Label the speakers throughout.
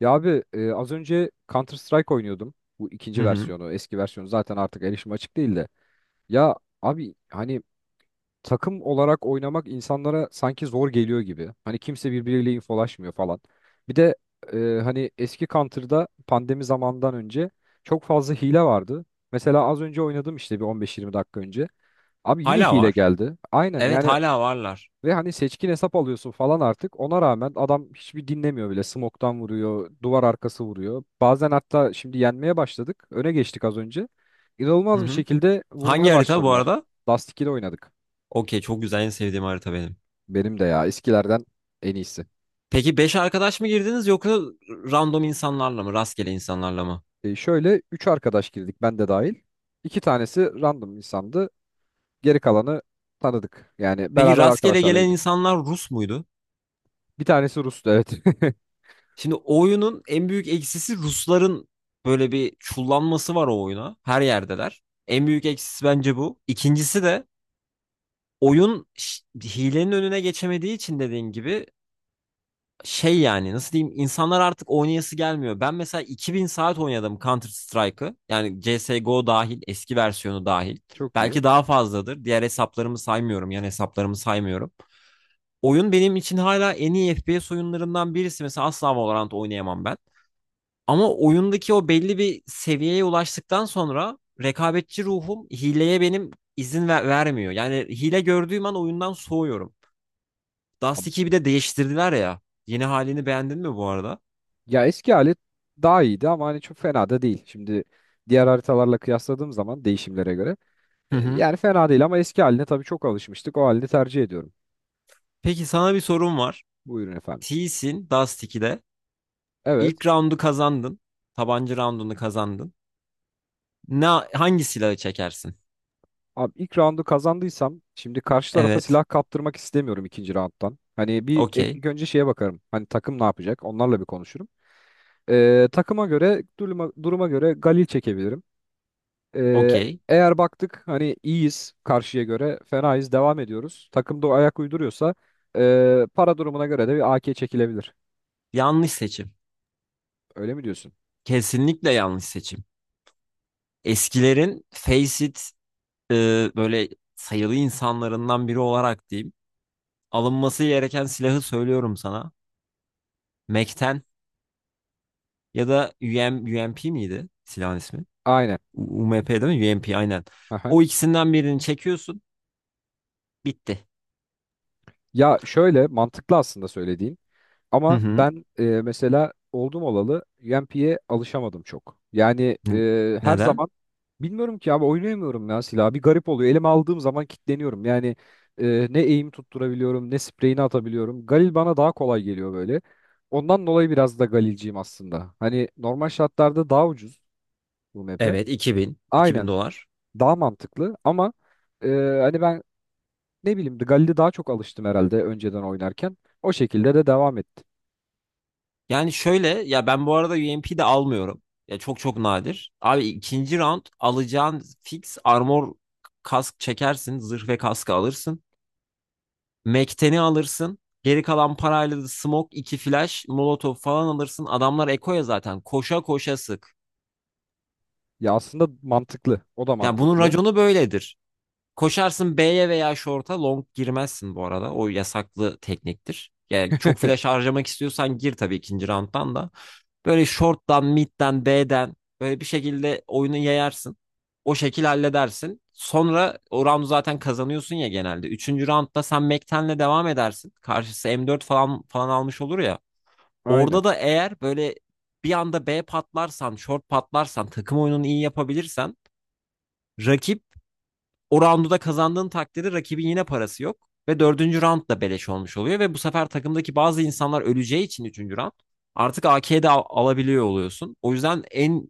Speaker 1: Ya abi az önce Counter Strike oynuyordum. Bu
Speaker 2: Hı
Speaker 1: ikinci
Speaker 2: hı.
Speaker 1: versiyonu, eski versiyonu zaten artık erişim açık değil de. Ya abi hani takım olarak oynamak insanlara sanki zor geliyor gibi. Hani kimse birbiriyle infolaşmıyor falan. Bir de e, hani eski Counter'da pandemi zamandan önce çok fazla hile vardı. Mesela az önce oynadım işte bir 15-20 dakika önce. Abi yine
Speaker 2: Hala
Speaker 1: hile
Speaker 2: var.
Speaker 1: geldi. Aynen
Speaker 2: Evet,
Speaker 1: yani
Speaker 2: hala varlar.
Speaker 1: ve hani seçkin hesap alıyorsun falan artık. Ona rağmen adam hiçbir dinlemiyor bile. Smoke'tan vuruyor, duvar arkası vuruyor. Bazen hatta şimdi yenmeye başladık. Öne geçtik az önce.
Speaker 2: Hı
Speaker 1: İnanılmaz bir
Speaker 2: hı.
Speaker 1: şekilde
Speaker 2: Hangi
Speaker 1: vurmaya
Speaker 2: harita bu
Speaker 1: başladılar.
Speaker 2: arada?
Speaker 1: Dust 2'de oynadık.
Speaker 2: Okey, çok güzel, en sevdiğim harita benim.
Speaker 1: Benim de ya, eskilerden en iyisi.
Speaker 2: Peki 5 arkadaş mı girdiniz yoksa random insanlarla mı? Rastgele insanlarla mı?
Speaker 1: E şöyle 3 arkadaş girdik ben de dahil. 2 tanesi random insandı. Geri kalanı tanıdık. Yani
Speaker 2: Peki
Speaker 1: beraber
Speaker 2: rastgele
Speaker 1: arkadaşlarla
Speaker 2: gelen
Speaker 1: girdik.
Speaker 2: insanlar Rus muydu?
Speaker 1: Bir tanesi Rus'tu evet.
Speaker 2: Şimdi oyunun en büyük eksisi Rusların böyle bir çullanması var o oyuna. Her yerdeler. En büyük eksisi bence bu. İkincisi de oyun hilenin önüne geçemediği için, dediğin gibi şey, yani nasıl diyeyim, insanlar artık oynayası gelmiyor. Ben mesela 2000 saat oynadım Counter Strike'ı. Yani CS:GO dahil, eski versiyonu dahil.
Speaker 1: Çok iyi.
Speaker 2: Belki daha fazladır. Diğer hesaplarımı saymıyorum. Yani hesaplarımı saymıyorum. Oyun benim için hala en iyi FPS oyunlarından birisi. Mesela asla Valorant oynayamam ben. Ama oyundaki o belli bir seviyeye ulaştıktan sonra rekabetçi ruhum hileye benim izin vermiyor. Yani hile gördüğüm an oyundan soğuyorum. Dust 2'yi bir de değiştirdiler ya. Yeni halini beğendin mi bu arada?
Speaker 1: Ya eski hali daha iyiydi ama hani çok fena da değil. Şimdi diğer haritalarla kıyasladığım zaman değişimlere göre
Speaker 2: Hı hı.
Speaker 1: yani fena değil ama eski haline tabii çok alışmıştık. O halini tercih ediyorum.
Speaker 2: Peki sana bir sorum var.
Speaker 1: Buyurun efendim.
Speaker 2: T'sin Dust 2'de.
Speaker 1: Evet.
Speaker 2: İlk roundu kazandın. Tabanca roundunu kazandın. Ne, hangi silahı çekersin?
Speaker 1: Abi ilk roundu kazandıysam şimdi karşı tarafa
Speaker 2: Evet.
Speaker 1: silah kaptırmak istemiyorum ikinci rounddan. Hani bir
Speaker 2: Okey.
Speaker 1: ilk önce şeye bakarım. Hani takım ne yapacak? Onlarla bir konuşurum. Takıma göre duruma göre Galil çekebilirim. Ee,
Speaker 2: Okey.
Speaker 1: eğer baktık hani iyiyiz, karşıya göre fenayız devam ediyoruz. Takım da o ayak uyduruyorsa para durumuna göre de bir AK çekilebilir.
Speaker 2: Yanlış seçim.
Speaker 1: Öyle mi diyorsun?
Speaker 2: Kesinlikle yanlış seçim. Eskilerin face it e, böyle sayılı insanlarından biri olarak diyeyim. Alınması gereken silahı söylüyorum sana. Mac'ten ya da UMP miydi silahın ismi?
Speaker 1: Aynen.
Speaker 2: UMP değil mi? UMP aynen.
Speaker 1: Aha.
Speaker 2: O ikisinden birini çekiyorsun. Bitti.
Speaker 1: Ya şöyle mantıklı aslında söylediğin.
Speaker 2: Hı
Speaker 1: Ama
Speaker 2: hı.
Speaker 1: ben mesela oldum olalı yempiye alışamadım çok. Yani
Speaker 2: N-
Speaker 1: her
Speaker 2: Neden?
Speaker 1: zaman bilmiyorum ki abi, oynayamıyorum ya silahı. Bir garip oluyor. Elime aldığım zaman kilitleniyorum. Yani ne eğim tutturabiliyorum ne spreyini atabiliyorum. Galil bana daha kolay geliyor böyle. Ondan dolayı biraz da Galilciyim aslında. Hani normal şartlarda daha ucuz bu map'e.
Speaker 2: Evet, 2000. 2000
Speaker 1: Aynen,
Speaker 2: dolar.
Speaker 1: daha mantıklı ama e, hani ben ne bileyim, Galil'e daha çok alıştım herhalde önceden oynarken. O şekilde de devam ettim.
Speaker 2: Yani şöyle ya, ben bu arada UMP de almıyorum. Ya çok çok nadir. Abi, ikinci round alacağın fix armor, kask çekersin. Zırh ve kaskı alırsın. Mekten'i alırsın. Geri kalan parayla da smoke, iki flash, molotov falan alırsın. Adamlar ekoya zaten. Koşa koşa sık.
Speaker 1: Ya aslında mantıklı. O da
Speaker 2: Ya bunun
Speaker 1: mantıklı.
Speaker 2: raconu böyledir. Koşarsın B'ye veya short'a, long girmezsin bu arada. O yasaklı tekniktir. Yani çok flash harcamak istiyorsan gir tabii, ikinci round'dan da. Böyle short'tan, mid'den, B'den böyle bir şekilde oyunu yayarsın. O şekil halledersin. Sonra o round'u zaten kazanıyorsun ya genelde. Üçüncü round'da sen Mekten'le devam edersin. Karşısı M4 falan falan almış olur ya.
Speaker 1: Aynen.
Speaker 2: Orada da eğer böyle bir anda B patlarsan, short patlarsan, takım oyununu iyi yapabilirsen, rakip, o roundu da kazandığın takdirde rakibin yine parası yok. Ve dördüncü round da beleş olmuş oluyor. Ve bu sefer takımdaki bazı insanlar öleceği için üçüncü round artık AK'de alabiliyor oluyorsun. O yüzden en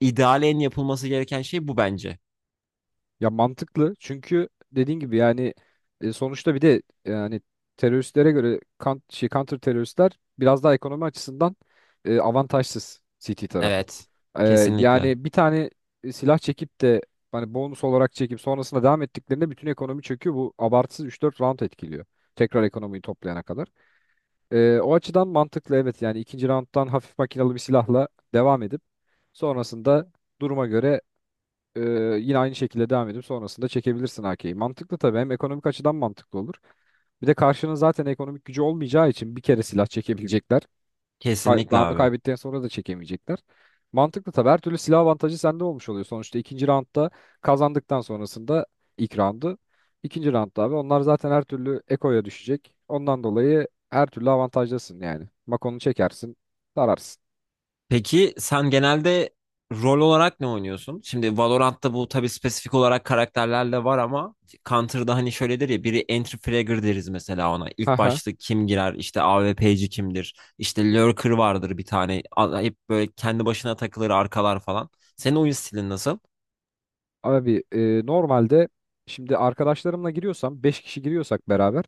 Speaker 2: ideal, en yapılması gereken şey bu bence.
Speaker 1: Ya mantıklı çünkü dediğin gibi yani sonuçta bir de yani teröristlere göre kan, şey, counter teröristler biraz daha ekonomi açısından avantajsız CT tarafı.
Speaker 2: Evet.
Speaker 1: E,
Speaker 2: Kesinlikle.
Speaker 1: yani bir tane silah çekip de hani bonus olarak çekip sonrasında devam ettiklerinde bütün ekonomi çöküyor. Bu abartısız üç dört round etkiliyor. Tekrar ekonomiyi toplayana kadar. O açıdan mantıklı, evet yani ikinci rounddan hafif makinalı bir silahla devam edip sonrasında duruma göre e, yine aynı şekilde devam edip sonrasında çekebilirsin AK'yi. Mantıklı tabii, hem ekonomik açıdan mantıklı olur. Bir de karşının zaten ekonomik gücü olmayacağı için bir kere silah çekebilecekler. Kay
Speaker 2: Kesinlikle
Speaker 1: roundu
Speaker 2: abi.
Speaker 1: kaybettikten sonra da çekemeyecekler. Mantıklı tabii. Her türlü silah avantajı sende olmuş oluyor. Sonuçta ikinci roundda kazandıktan sonrasında ilk roundu. İkinci roundda abi onlar zaten her türlü ekoya düşecek. Ondan dolayı her türlü avantajlısın yani. Makonu çekersin, sararsın.
Speaker 2: Peki sen genelde rol olarak ne oynuyorsun? Şimdi Valorant'ta bu tabii spesifik olarak karakterlerle var, ama Counter'da hani şöyledir ya, biri entry fragger deriz mesela ona. İlk
Speaker 1: Haha.
Speaker 2: başta kim girer, işte AWP'ci kimdir, işte lurker vardır bir tane, hep böyle kendi başına takılır, arkalar falan. Senin oyun stilin nasıl?
Speaker 1: Abi normalde şimdi arkadaşlarımla giriyorsam, 5 kişi giriyorsak beraber,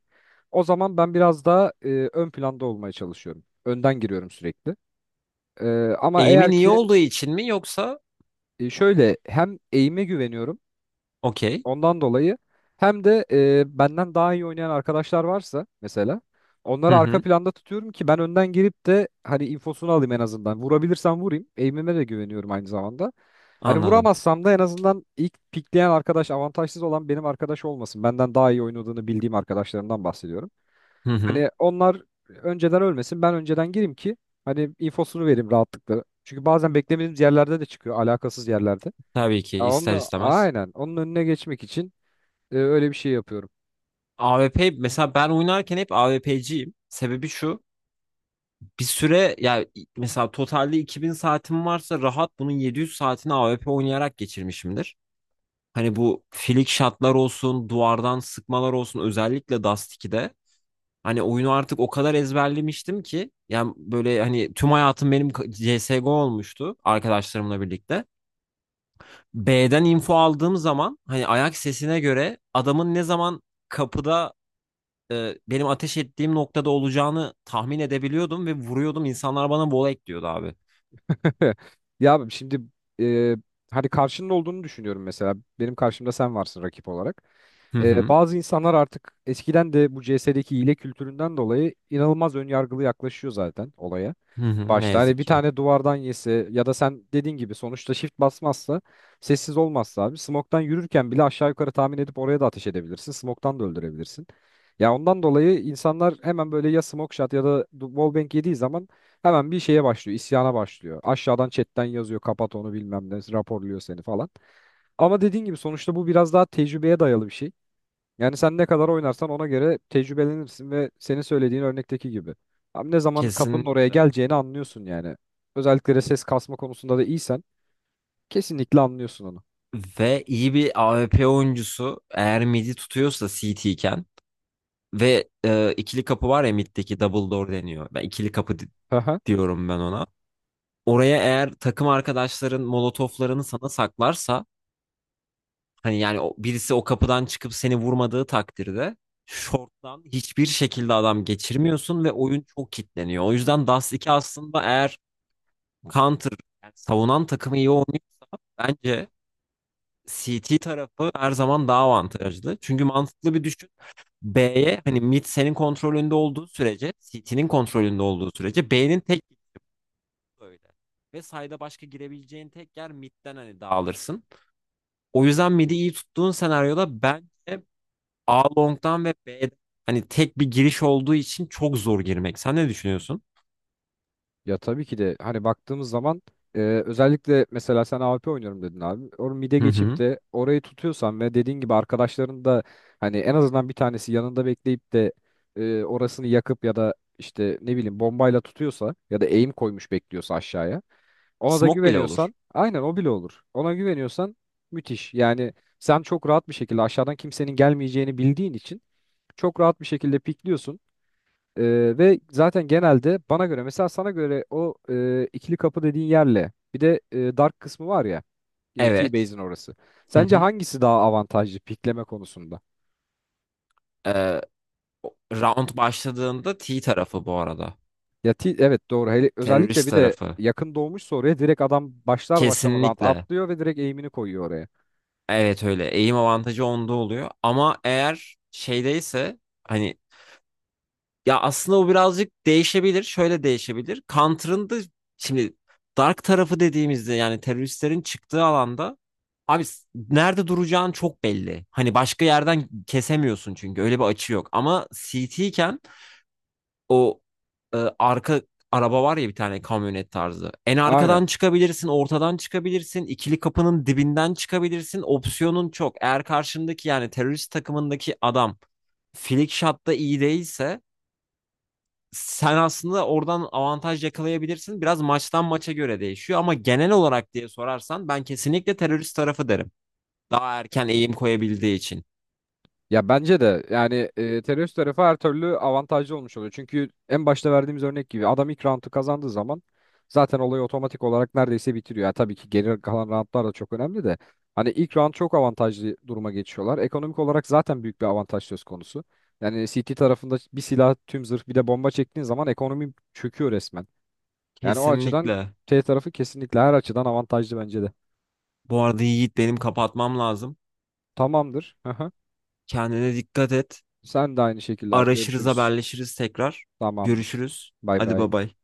Speaker 1: o zaman ben biraz daha ön planda olmaya çalışıyorum. Önden giriyorum sürekli. E, ama
Speaker 2: Aim'in
Speaker 1: eğer
Speaker 2: iyi
Speaker 1: ki
Speaker 2: olduğu için mi, yoksa?
Speaker 1: şöyle, hem eğime güveniyorum.
Speaker 2: Okey.
Speaker 1: Ondan dolayı hem de benden daha iyi oynayan arkadaşlar varsa mesela,
Speaker 2: Hı
Speaker 1: onları arka
Speaker 2: hı,
Speaker 1: planda tutuyorum ki ben önden girip de hani infosunu alayım en azından. Vurabilirsem vurayım. Aim'ime de güveniyorum aynı zamanda. Hani
Speaker 2: anladım.
Speaker 1: vuramazsam da en azından ilk pikleyen arkadaş, avantajsız olan benim arkadaş olmasın. Benden daha iyi oynadığını bildiğim arkadaşlarımdan bahsediyorum.
Speaker 2: Hı hı,
Speaker 1: Hani onlar önceden ölmesin, ben önceden gireyim ki hani infosunu vereyim rahatlıkla. Çünkü bazen beklemediğimiz yerlerde de çıkıyor, alakasız yerlerde.
Speaker 2: tabii ki
Speaker 1: Ya
Speaker 2: ister
Speaker 1: onu,
Speaker 2: istemez.
Speaker 1: aynen onun önüne geçmek için öyle bir şey yapıyorum.
Speaker 2: A W P mesela, ben oynarken hep AWP'ciyim. Sebebi şu. Bir süre ya, mesela totalde 2000 saatim varsa rahat bunun 700 saatini AWP oynayarak geçirmişimdir. Hani bu filik shotlar olsun, duvardan sıkmalar olsun, özellikle Dust 2'de. Hani oyunu artık o kadar ezberlemiştim ki, yani böyle, hani tüm hayatım benim CSGO olmuştu arkadaşlarımla birlikte. B'den info aldığım zaman hani ayak sesine göre adamın ne zaman kapıda, benim ateş ettiğim noktada olacağını tahmin edebiliyordum ve vuruyordum. İnsanlar bana volek diyordu abi.
Speaker 1: Ya abi şimdi e, hani karşının olduğunu düşünüyorum mesela. Benim karşımda sen varsın rakip olarak.
Speaker 2: Hı hı.
Speaker 1: Bazı insanlar artık eskiden de bu CS'deki hile kültüründen dolayı inanılmaz önyargılı yaklaşıyor zaten olaya
Speaker 2: Hı hı. Ne
Speaker 1: başta. Hani
Speaker 2: yazık
Speaker 1: bir
Speaker 2: ki.
Speaker 1: tane duvardan yese ya da sen dediğin gibi, sonuçta shift basmazsa, sessiz olmazsa abi, smoktan yürürken bile aşağı yukarı tahmin edip oraya da ateş edebilirsin. Smoktan da öldürebilirsin. Ya ondan dolayı insanlar hemen böyle ya smoke shot ya da wallbang yediği zaman hemen bir şeye başlıyor, isyana başlıyor. Aşağıdan chatten yazıyor, kapat onu bilmem ne, raporluyor seni falan. Ama dediğin gibi sonuçta bu biraz daha tecrübeye dayalı bir şey. Yani sen ne kadar oynarsan ona göre tecrübelenirsin ve senin söylediğin örnekteki gibi. Abi ne zaman kapının oraya
Speaker 2: Kesinlikle.
Speaker 1: geleceğini anlıyorsun yani. Özellikle de ses kasma konusunda da iyisen kesinlikle anlıyorsun onu.
Speaker 2: Ve iyi bir A W P oyuncusu eğer midi tutuyorsa C T iken, ve ikili kapı var ya, middeki double door deniyor. Ben ikili kapı
Speaker 1: Aha.
Speaker 2: diyorum ben ona. Oraya eğer takım arkadaşların molotoflarını sana saklarsa, hani yani o, birisi o kapıdan çıkıp seni vurmadığı takdirde short'tan hiçbir şekilde adam geçirmiyorsun ve oyun çok kilitleniyor. O yüzden Dust iki aslında, eğer counter, yani savunan takımı iyi oynuyor. Bence CT tarafı her zaman daha avantajlı. Çünkü mantıklı bir düşün. B'ye, hani mid senin kontrolünde olduğu sürece, CT'nin kontrolünde olduğu sürece, B'nin tek gittiği öyle. Ve sayda başka girebileceğin tek yer midden, hani dağılırsın. O yüzden mid'i iyi tuttuğun senaryoda bence A long'dan ve B'den, hani tek bir giriş olduğu için çok zor girmek. Sen ne düşünüyorsun?
Speaker 1: Ya tabii ki de hani baktığımız zaman e, özellikle mesela sen AWP oynuyorum dedin abi. Or mide
Speaker 2: Hı
Speaker 1: geçip
Speaker 2: hı.
Speaker 1: de orayı tutuyorsan ve dediğin gibi arkadaşların da hani en azından bir tanesi yanında bekleyip de orasını yakıp ya da işte ne bileyim bombayla tutuyorsa ya da aim koymuş bekliyorsa aşağıya. Ona da
Speaker 2: Smoke bile olur.
Speaker 1: güveniyorsan, aynen o bile olur. Ona güveniyorsan müthiş. Yani sen çok rahat bir şekilde aşağıdan kimsenin gelmeyeceğini bildiğin için çok rahat bir şekilde pikliyorsun. Ve zaten genelde bana göre mesela, sana göre o ikili kapı dediğin yerle bir de dark kısmı var ya,
Speaker 2: Evet.
Speaker 1: T-Base'in orası.
Speaker 2: Hı
Speaker 1: Sence
Speaker 2: hı.
Speaker 1: hangisi daha avantajlı pikleme konusunda?
Speaker 2: Ee, round başladığında T tarafı bu arada.
Speaker 1: Ya evet doğru. Hele, özellikle
Speaker 2: Terörist
Speaker 1: bir de
Speaker 2: tarafı.
Speaker 1: yakın doğmuşsa oraya direkt adam başlar başlamadan
Speaker 2: Kesinlikle.
Speaker 1: atlıyor ve direkt eğimini koyuyor oraya.
Speaker 2: Evet öyle. Eğim avantajı onda oluyor. Ama eğer şeydeyse, hani, ya aslında o birazcık değişebilir. Şöyle değişebilir. Counter'ın da şimdi dark tarafı dediğimizde, yani teröristlerin çıktığı alanda, abi nerede duracağın çok belli. Hani başka yerden kesemiyorsun çünkü öyle bir açı yok. Ama CT, o arka araba var ya, bir tane kamyonet tarzı. En
Speaker 1: Aynen.
Speaker 2: arkadan çıkabilirsin, ortadan çıkabilirsin, ikili kapının dibinden çıkabilirsin. Opsiyonun çok. Eğer karşındaki, yani terörist takımındaki adam flick shot'ta iyi değilse sen aslında oradan avantaj yakalayabilirsin. Biraz maçtan maça göre değişiyor, ama genel olarak diye sorarsan ben kesinlikle terörist tarafı derim. Daha erken eğim koyabildiği için.
Speaker 1: Ya bence de yani terörist tarafı her türlü avantajlı olmuş oluyor. Çünkü en başta verdiğimiz örnek gibi adam ilk roundu kazandığı zaman zaten olayı otomatik olarak neredeyse bitiriyor. Yani tabii ki geri kalan roundlar da çok önemli de hani ilk round çok avantajlı duruma geçiyorlar. Ekonomik olarak zaten büyük bir avantaj söz konusu. Yani CT tarafında bir silah, tüm zırh bir de bomba çektiğin zaman ekonomi çöküyor resmen. Yani o açıdan
Speaker 2: Kesinlikle.
Speaker 1: T tarafı kesinlikle her açıdan avantajlı bence de.
Speaker 2: Bu arada Yiğit, benim kapatmam lazım.
Speaker 1: Tamamdır. Aha.
Speaker 2: Kendine dikkat et.
Speaker 1: Sen de aynı şekilde abi,
Speaker 2: Araşırız,
Speaker 1: görüşürüz.
Speaker 2: haberleşiriz tekrar.
Speaker 1: Tamamdır.
Speaker 2: Görüşürüz.
Speaker 1: Bay
Speaker 2: Hadi bay
Speaker 1: bay.
Speaker 2: bay.